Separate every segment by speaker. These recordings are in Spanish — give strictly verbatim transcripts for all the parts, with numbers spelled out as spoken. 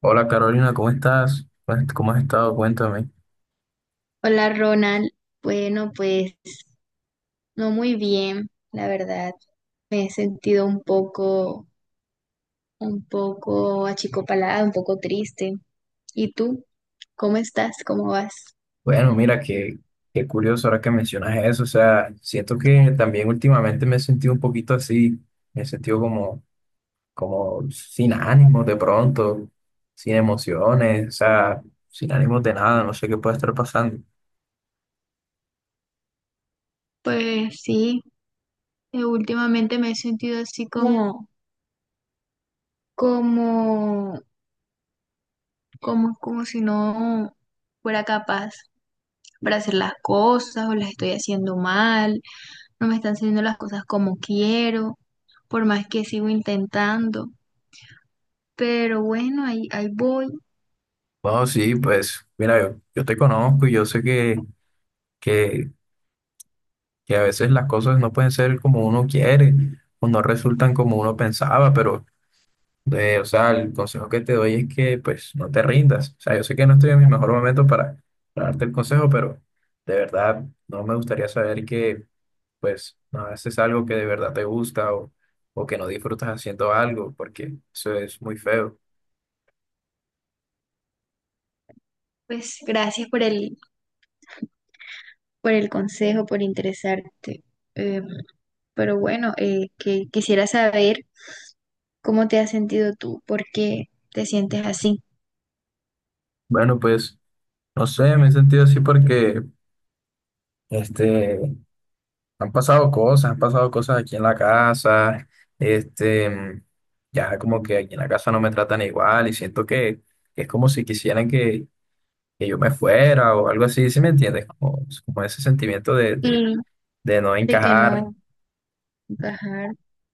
Speaker 1: Hola Carolina, ¿cómo estás? Pues, ¿cómo has estado? Cuéntame.
Speaker 2: Hola Ronald, bueno pues no muy bien, la verdad. Me he sentido un poco, un poco achicopalada, un poco triste. ¿Y tú? ¿Cómo estás? ¿Cómo vas?
Speaker 1: Bueno, mira, qué, qué curioso ahora que mencionas eso. O sea, siento que también últimamente me he sentido un poquito así. Me he sentido como, como sin ánimos de pronto, sin emociones, o sea, sin ánimos de nada. No sé qué puede estar pasando.
Speaker 2: Pues sí, eh, últimamente me he sentido así como, como, como, como si no fuera capaz para hacer las cosas o las estoy haciendo mal, no me están saliendo las cosas como quiero, por más que sigo intentando. Pero bueno, ahí, ahí voy.
Speaker 1: Bueno, sí, pues mira, yo, yo te conozco y yo sé que, que, que a veces las cosas no pueden ser como uno quiere o no resultan como uno pensaba, pero... De, o sea, el consejo que te doy es que pues no te rindas. O sea, yo sé que no estoy en mi mejor momento para, para darte el consejo, pero de verdad no me gustaría saber que pues no haces algo que de verdad te gusta o, o que no disfrutas haciendo algo, porque eso es muy feo.
Speaker 2: Pues gracias por el, por el consejo, por interesarte. Eh, pero bueno, eh, que, quisiera saber cómo te has sentido tú, por qué te sientes así.
Speaker 1: Bueno, pues no sé, me he sentido así porque este, han pasado cosas, han pasado cosas aquí en la casa, este, ya como que aquí en la casa no me tratan igual y siento que es como si quisieran que que yo me fuera o algo así, ¿sí me entiendes? Como, como ese sentimiento de, de,
Speaker 2: Y
Speaker 1: de no
Speaker 2: de que
Speaker 1: encajar,
Speaker 2: no encajar.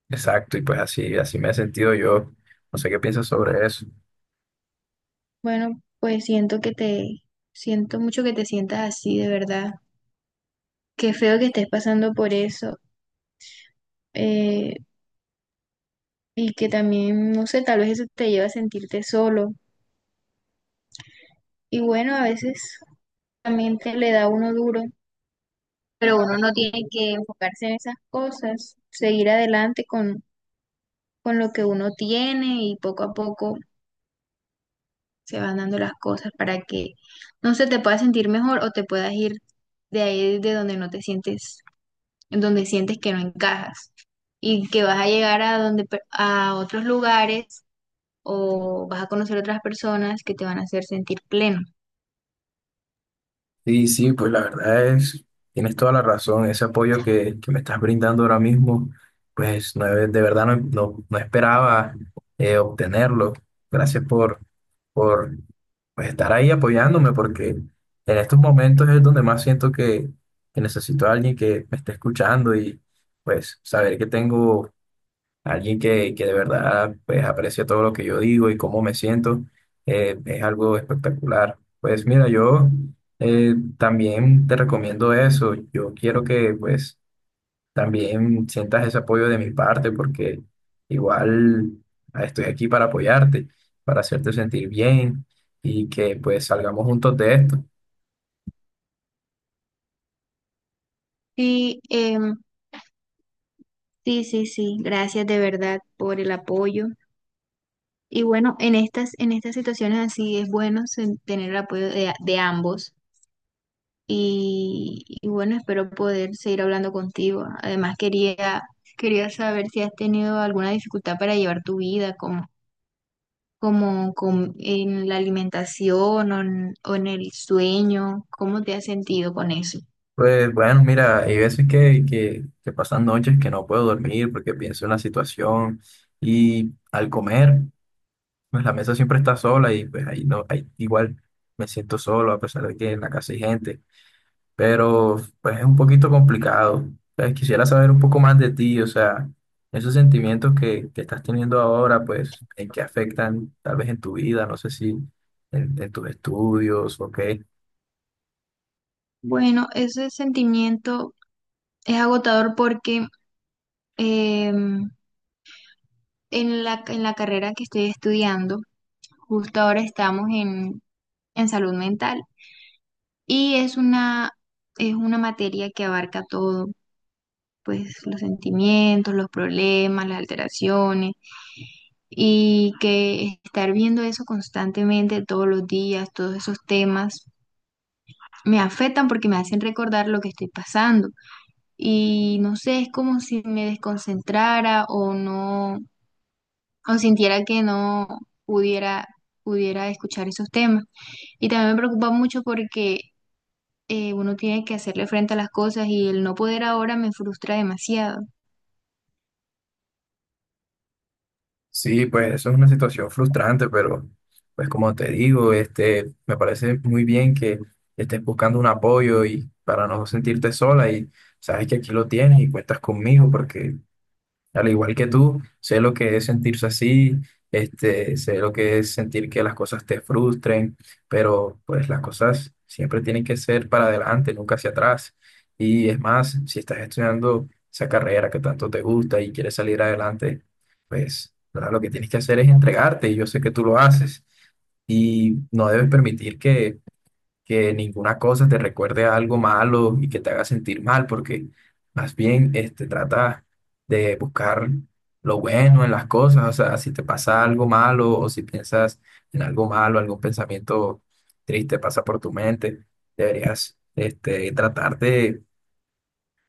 Speaker 1: exacto, y pues así, así me he sentido yo. No sé qué piensas sobre eso.
Speaker 2: Bueno, pues siento que te, siento mucho que te sientas así, de verdad. Qué feo que estés pasando por eso. eh, y que también, no sé, tal vez eso te lleva a sentirte solo. Y bueno, a veces también te le da a uno duro, pero uno no tiene que enfocarse en esas cosas, seguir adelante con, con lo que uno tiene y poco a poco se van dando las cosas para que no se te pueda sentir mejor o te puedas ir de ahí de donde no te sientes, en donde sientes que no encajas y que vas a llegar a donde pe- a otros lugares o vas a conocer otras personas que te van a hacer sentir pleno.
Speaker 1: Sí, sí, pues la verdad es, tienes toda la razón. Ese apoyo que, que me estás brindando ahora mismo, pues no, de verdad no, no- no esperaba eh, obtenerlo. Gracias por, por pues, estar ahí apoyándome, porque en estos momentos es donde más siento que, que necesito a alguien que me esté escuchando y pues saber que tengo alguien que, que de verdad pues aprecia todo lo que yo digo y cómo me siento, eh, es algo espectacular. Pues mira, yo eh, también te recomiendo eso. Yo quiero que pues también sientas ese apoyo de mi parte porque igual ah, estoy aquí para apoyarte, para hacerte sentir bien y que pues salgamos juntos de esto.
Speaker 2: Sí, em, sí, sí, sí, gracias de verdad por el apoyo. Y bueno, en estas, en estas situaciones así es bueno sen- tener el apoyo de, de ambos. Y, y bueno, espero poder seguir hablando contigo. Además, quería, quería saber si has tenido alguna dificultad para llevar tu vida, como, como, com- en la alimentación o en, o en el sueño. ¿Cómo te has sentido con eso?
Speaker 1: Pues bueno, mira, hay veces que, que, que pasan noches que no puedo dormir porque pienso en la situación y al comer. Pues la mesa siempre está sola y pues ahí no, ahí igual me siento solo a pesar de que en la casa hay gente, pero pues es un poquito complicado. Pues, quisiera saber un poco más de ti, o sea, esos sentimientos que, que estás teniendo ahora, pues en qué afectan tal vez en tu vida, no sé si en, en tus estudios o qué.
Speaker 2: Bueno, ese sentimiento es agotador porque em, en la, en la carrera que estoy estudiando, justo ahora estamos en, en salud mental y es una, es una materia que abarca todo, pues los sentimientos, los problemas, las alteraciones, y que estar viendo eso constantemente todos los días, todos esos temas, me afectan porque me hacen recordar lo que estoy pasando y no sé, es como si me desconcentrara o no, o sintiera que no pudiera, pudiera escuchar esos temas. Y también me preocupa mucho porque eh, uno tiene que hacerle frente a las cosas y el no poder ahora me frustra demasiado.
Speaker 1: Sí, pues eso es una situación frustrante, pero pues como te digo, este, me parece muy bien que estés buscando un apoyo y para no sentirte sola y sabes que aquí lo tienes y cuentas conmigo porque al igual que tú, sé lo que es sentirse así, este, sé lo que es sentir que las cosas te frustren, pero pues las cosas siempre tienen que ser para adelante, nunca hacia atrás. Y es más, si estás estudiando esa carrera que tanto te gusta y quieres salir adelante, pues ¿verdad? Lo que tienes que hacer es entregarte y yo sé que tú lo haces y no debes permitir que que ninguna cosa te recuerde a algo malo y que te haga sentir mal, porque más bien este, trata de buscar lo bueno en las cosas, o sea, si te pasa algo malo o si piensas en algo malo, algún pensamiento triste pasa por tu mente, deberías este, tratar de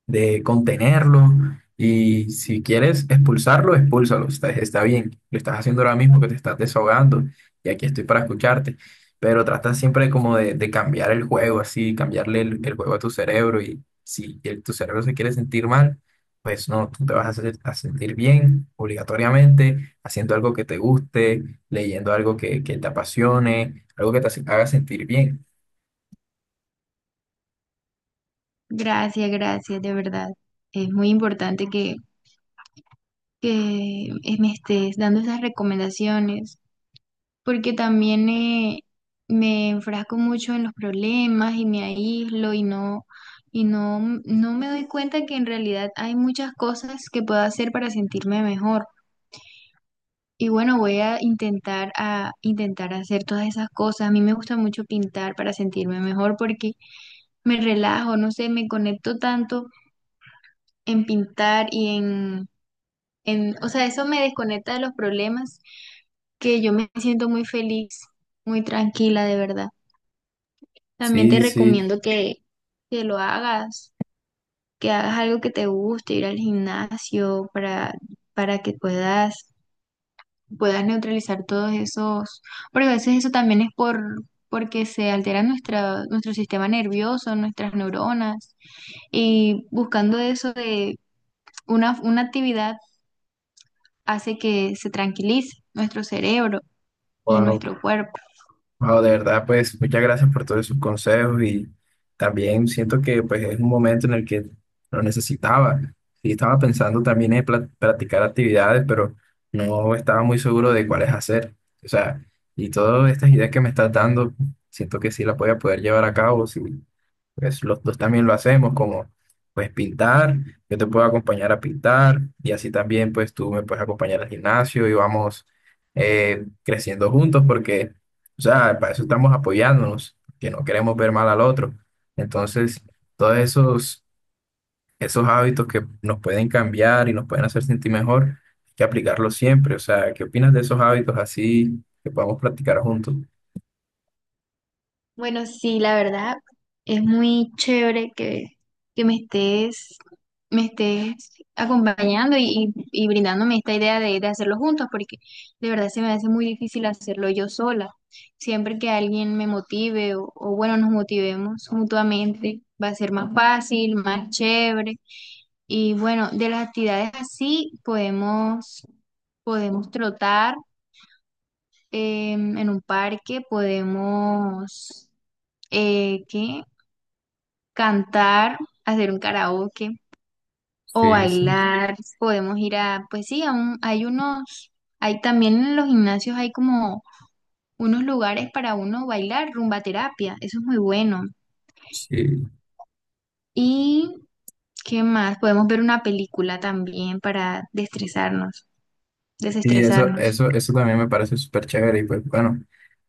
Speaker 1: de contenerlo y si quieres expulsarlo, expúlsalo, está, está bien, lo estás haciendo ahora mismo que te estás desahogando y aquí estoy para escucharte, pero trata siempre como de, de cambiar el juego, así, cambiarle el, el juego a tu cerebro y si el- tu cerebro se quiere sentir mal, pues no, tú te vas a, hacer- a sentir bien obligatoriamente, haciendo algo que te guste, leyendo algo que, que te apasione, algo que te hace- haga sentir bien.
Speaker 2: Gracias, gracias, de verdad. Es muy importante que, que eh, me estés dando esas recomendaciones, porque también eh, me enfrasco mucho en los problemas y me aíslo y no, y no, no me doy cuenta que en realidad hay muchas cosas que puedo hacer para sentirme mejor. Y bueno, voy a intentar a intentar hacer todas esas cosas. A mí me gusta mucho pintar para sentirme mejor porque me relajo, no sé, me conecto tanto en pintar y en, en, o sea, eso me desconecta de los problemas que yo me siento muy feliz, muy tranquila, de verdad. También te
Speaker 1: Sí, sí.
Speaker 2: recomiendo que, que lo hagas, que hagas algo que te guste, ir al gimnasio para, para que puedas, puedas neutralizar todos esos, porque a veces eso también es por, porque se altera nuestra, nuestro sistema nervioso, nuestras neuronas. Y buscando eso de Una, una actividad hace que se tranquilice nuestro cerebro y
Speaker 1: Wow.
Speaker 2: nuestro cuerpo.
Speaker 1: Wao, de verdad, pues muchas gracias por todos sus consejos y también siento que pues es un momento en el que lo necesitaba. Y estaba pensando también en pla- practicar actividades, pero no estaba muy seguro de cuáles hacer. O sea, y todas estas ideas que me estás dando, siento que sí las voy a poder llevar a cabo. Sí, pues los dos también lo hacemos, como pues pintar, yo te puedo acompañar a pintar y así también pues tú me puedes acompañar al gimnasio y vamos eh, creciendo juntos porque, o sea, para eso estamos apoyándonos, que no queremos ver mal al otro. Entonces, todos esos, esos hábitos que nos pueden cambiar y nos pueden hacer sentir mejor, hay que aplicarlos siempre. O sea, ¿qué opinas de esos hábitos así que podamos practicar juntos?
Speaker 2: Bueno, sí, la verdad es muy chévere que, que me estés, me estés acompañando y, y- y brindándome esta idea de, de hacerlo juntos, porque de verdad se me hace muy difícil hacerlo yo sola. Siempre que alguien me motive o, o bueno, nos motivemos mutuamente, va a ser más fácil, más chévere. Y bueno, de las actividades así podemos... Podemos trotar, em, en un parque, podemos eh, ¿qué? Cantar, hacer un karaoke o
Speaker 1: Sí, sí,
Speaker 2: bailar. Podemos ir a, pues sí, a un- hay unos, hay también en los gimnasios hay como unos lugares para uno bailar, rumba terapia, eso es muy bueno.
Speaker 1: sí.
Speaker 2: ¿Y qué más? Podemos ver una película también para destresarnos,
Speaker 1: Y eso,
Speaker 2: desestresarnos.
Speaker 1: eso, eso también me parece súper chévere. Y pues bueno,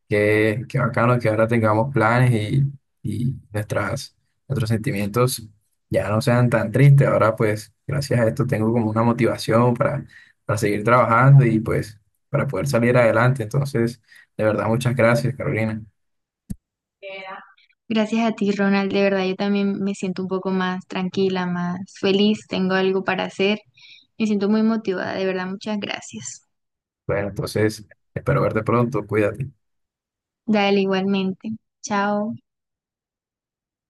Speaker 1: qué, qué bacano que ahora tengamos planes y, y nuestras, nuestros sentimientos ya no sean tan tristes. Ahora pues gracias a esto tengo como una motivación para, para seguir trabajando y pues para poder salir adelante. Entonces, de verdad, muchas gracias, Carolina.
Speaker 2: Gracias a ti, Ronald. De verdad, yo también me siento un poco más tranquila, más feliz. Tengo algo para hacer. Me siento muy motivada. De verdad, muchas gracias.
Speaker 1: Bueno, entonces espero verte pronto. Cuídate.
Speaker 2: Dale, igualmente. Chao.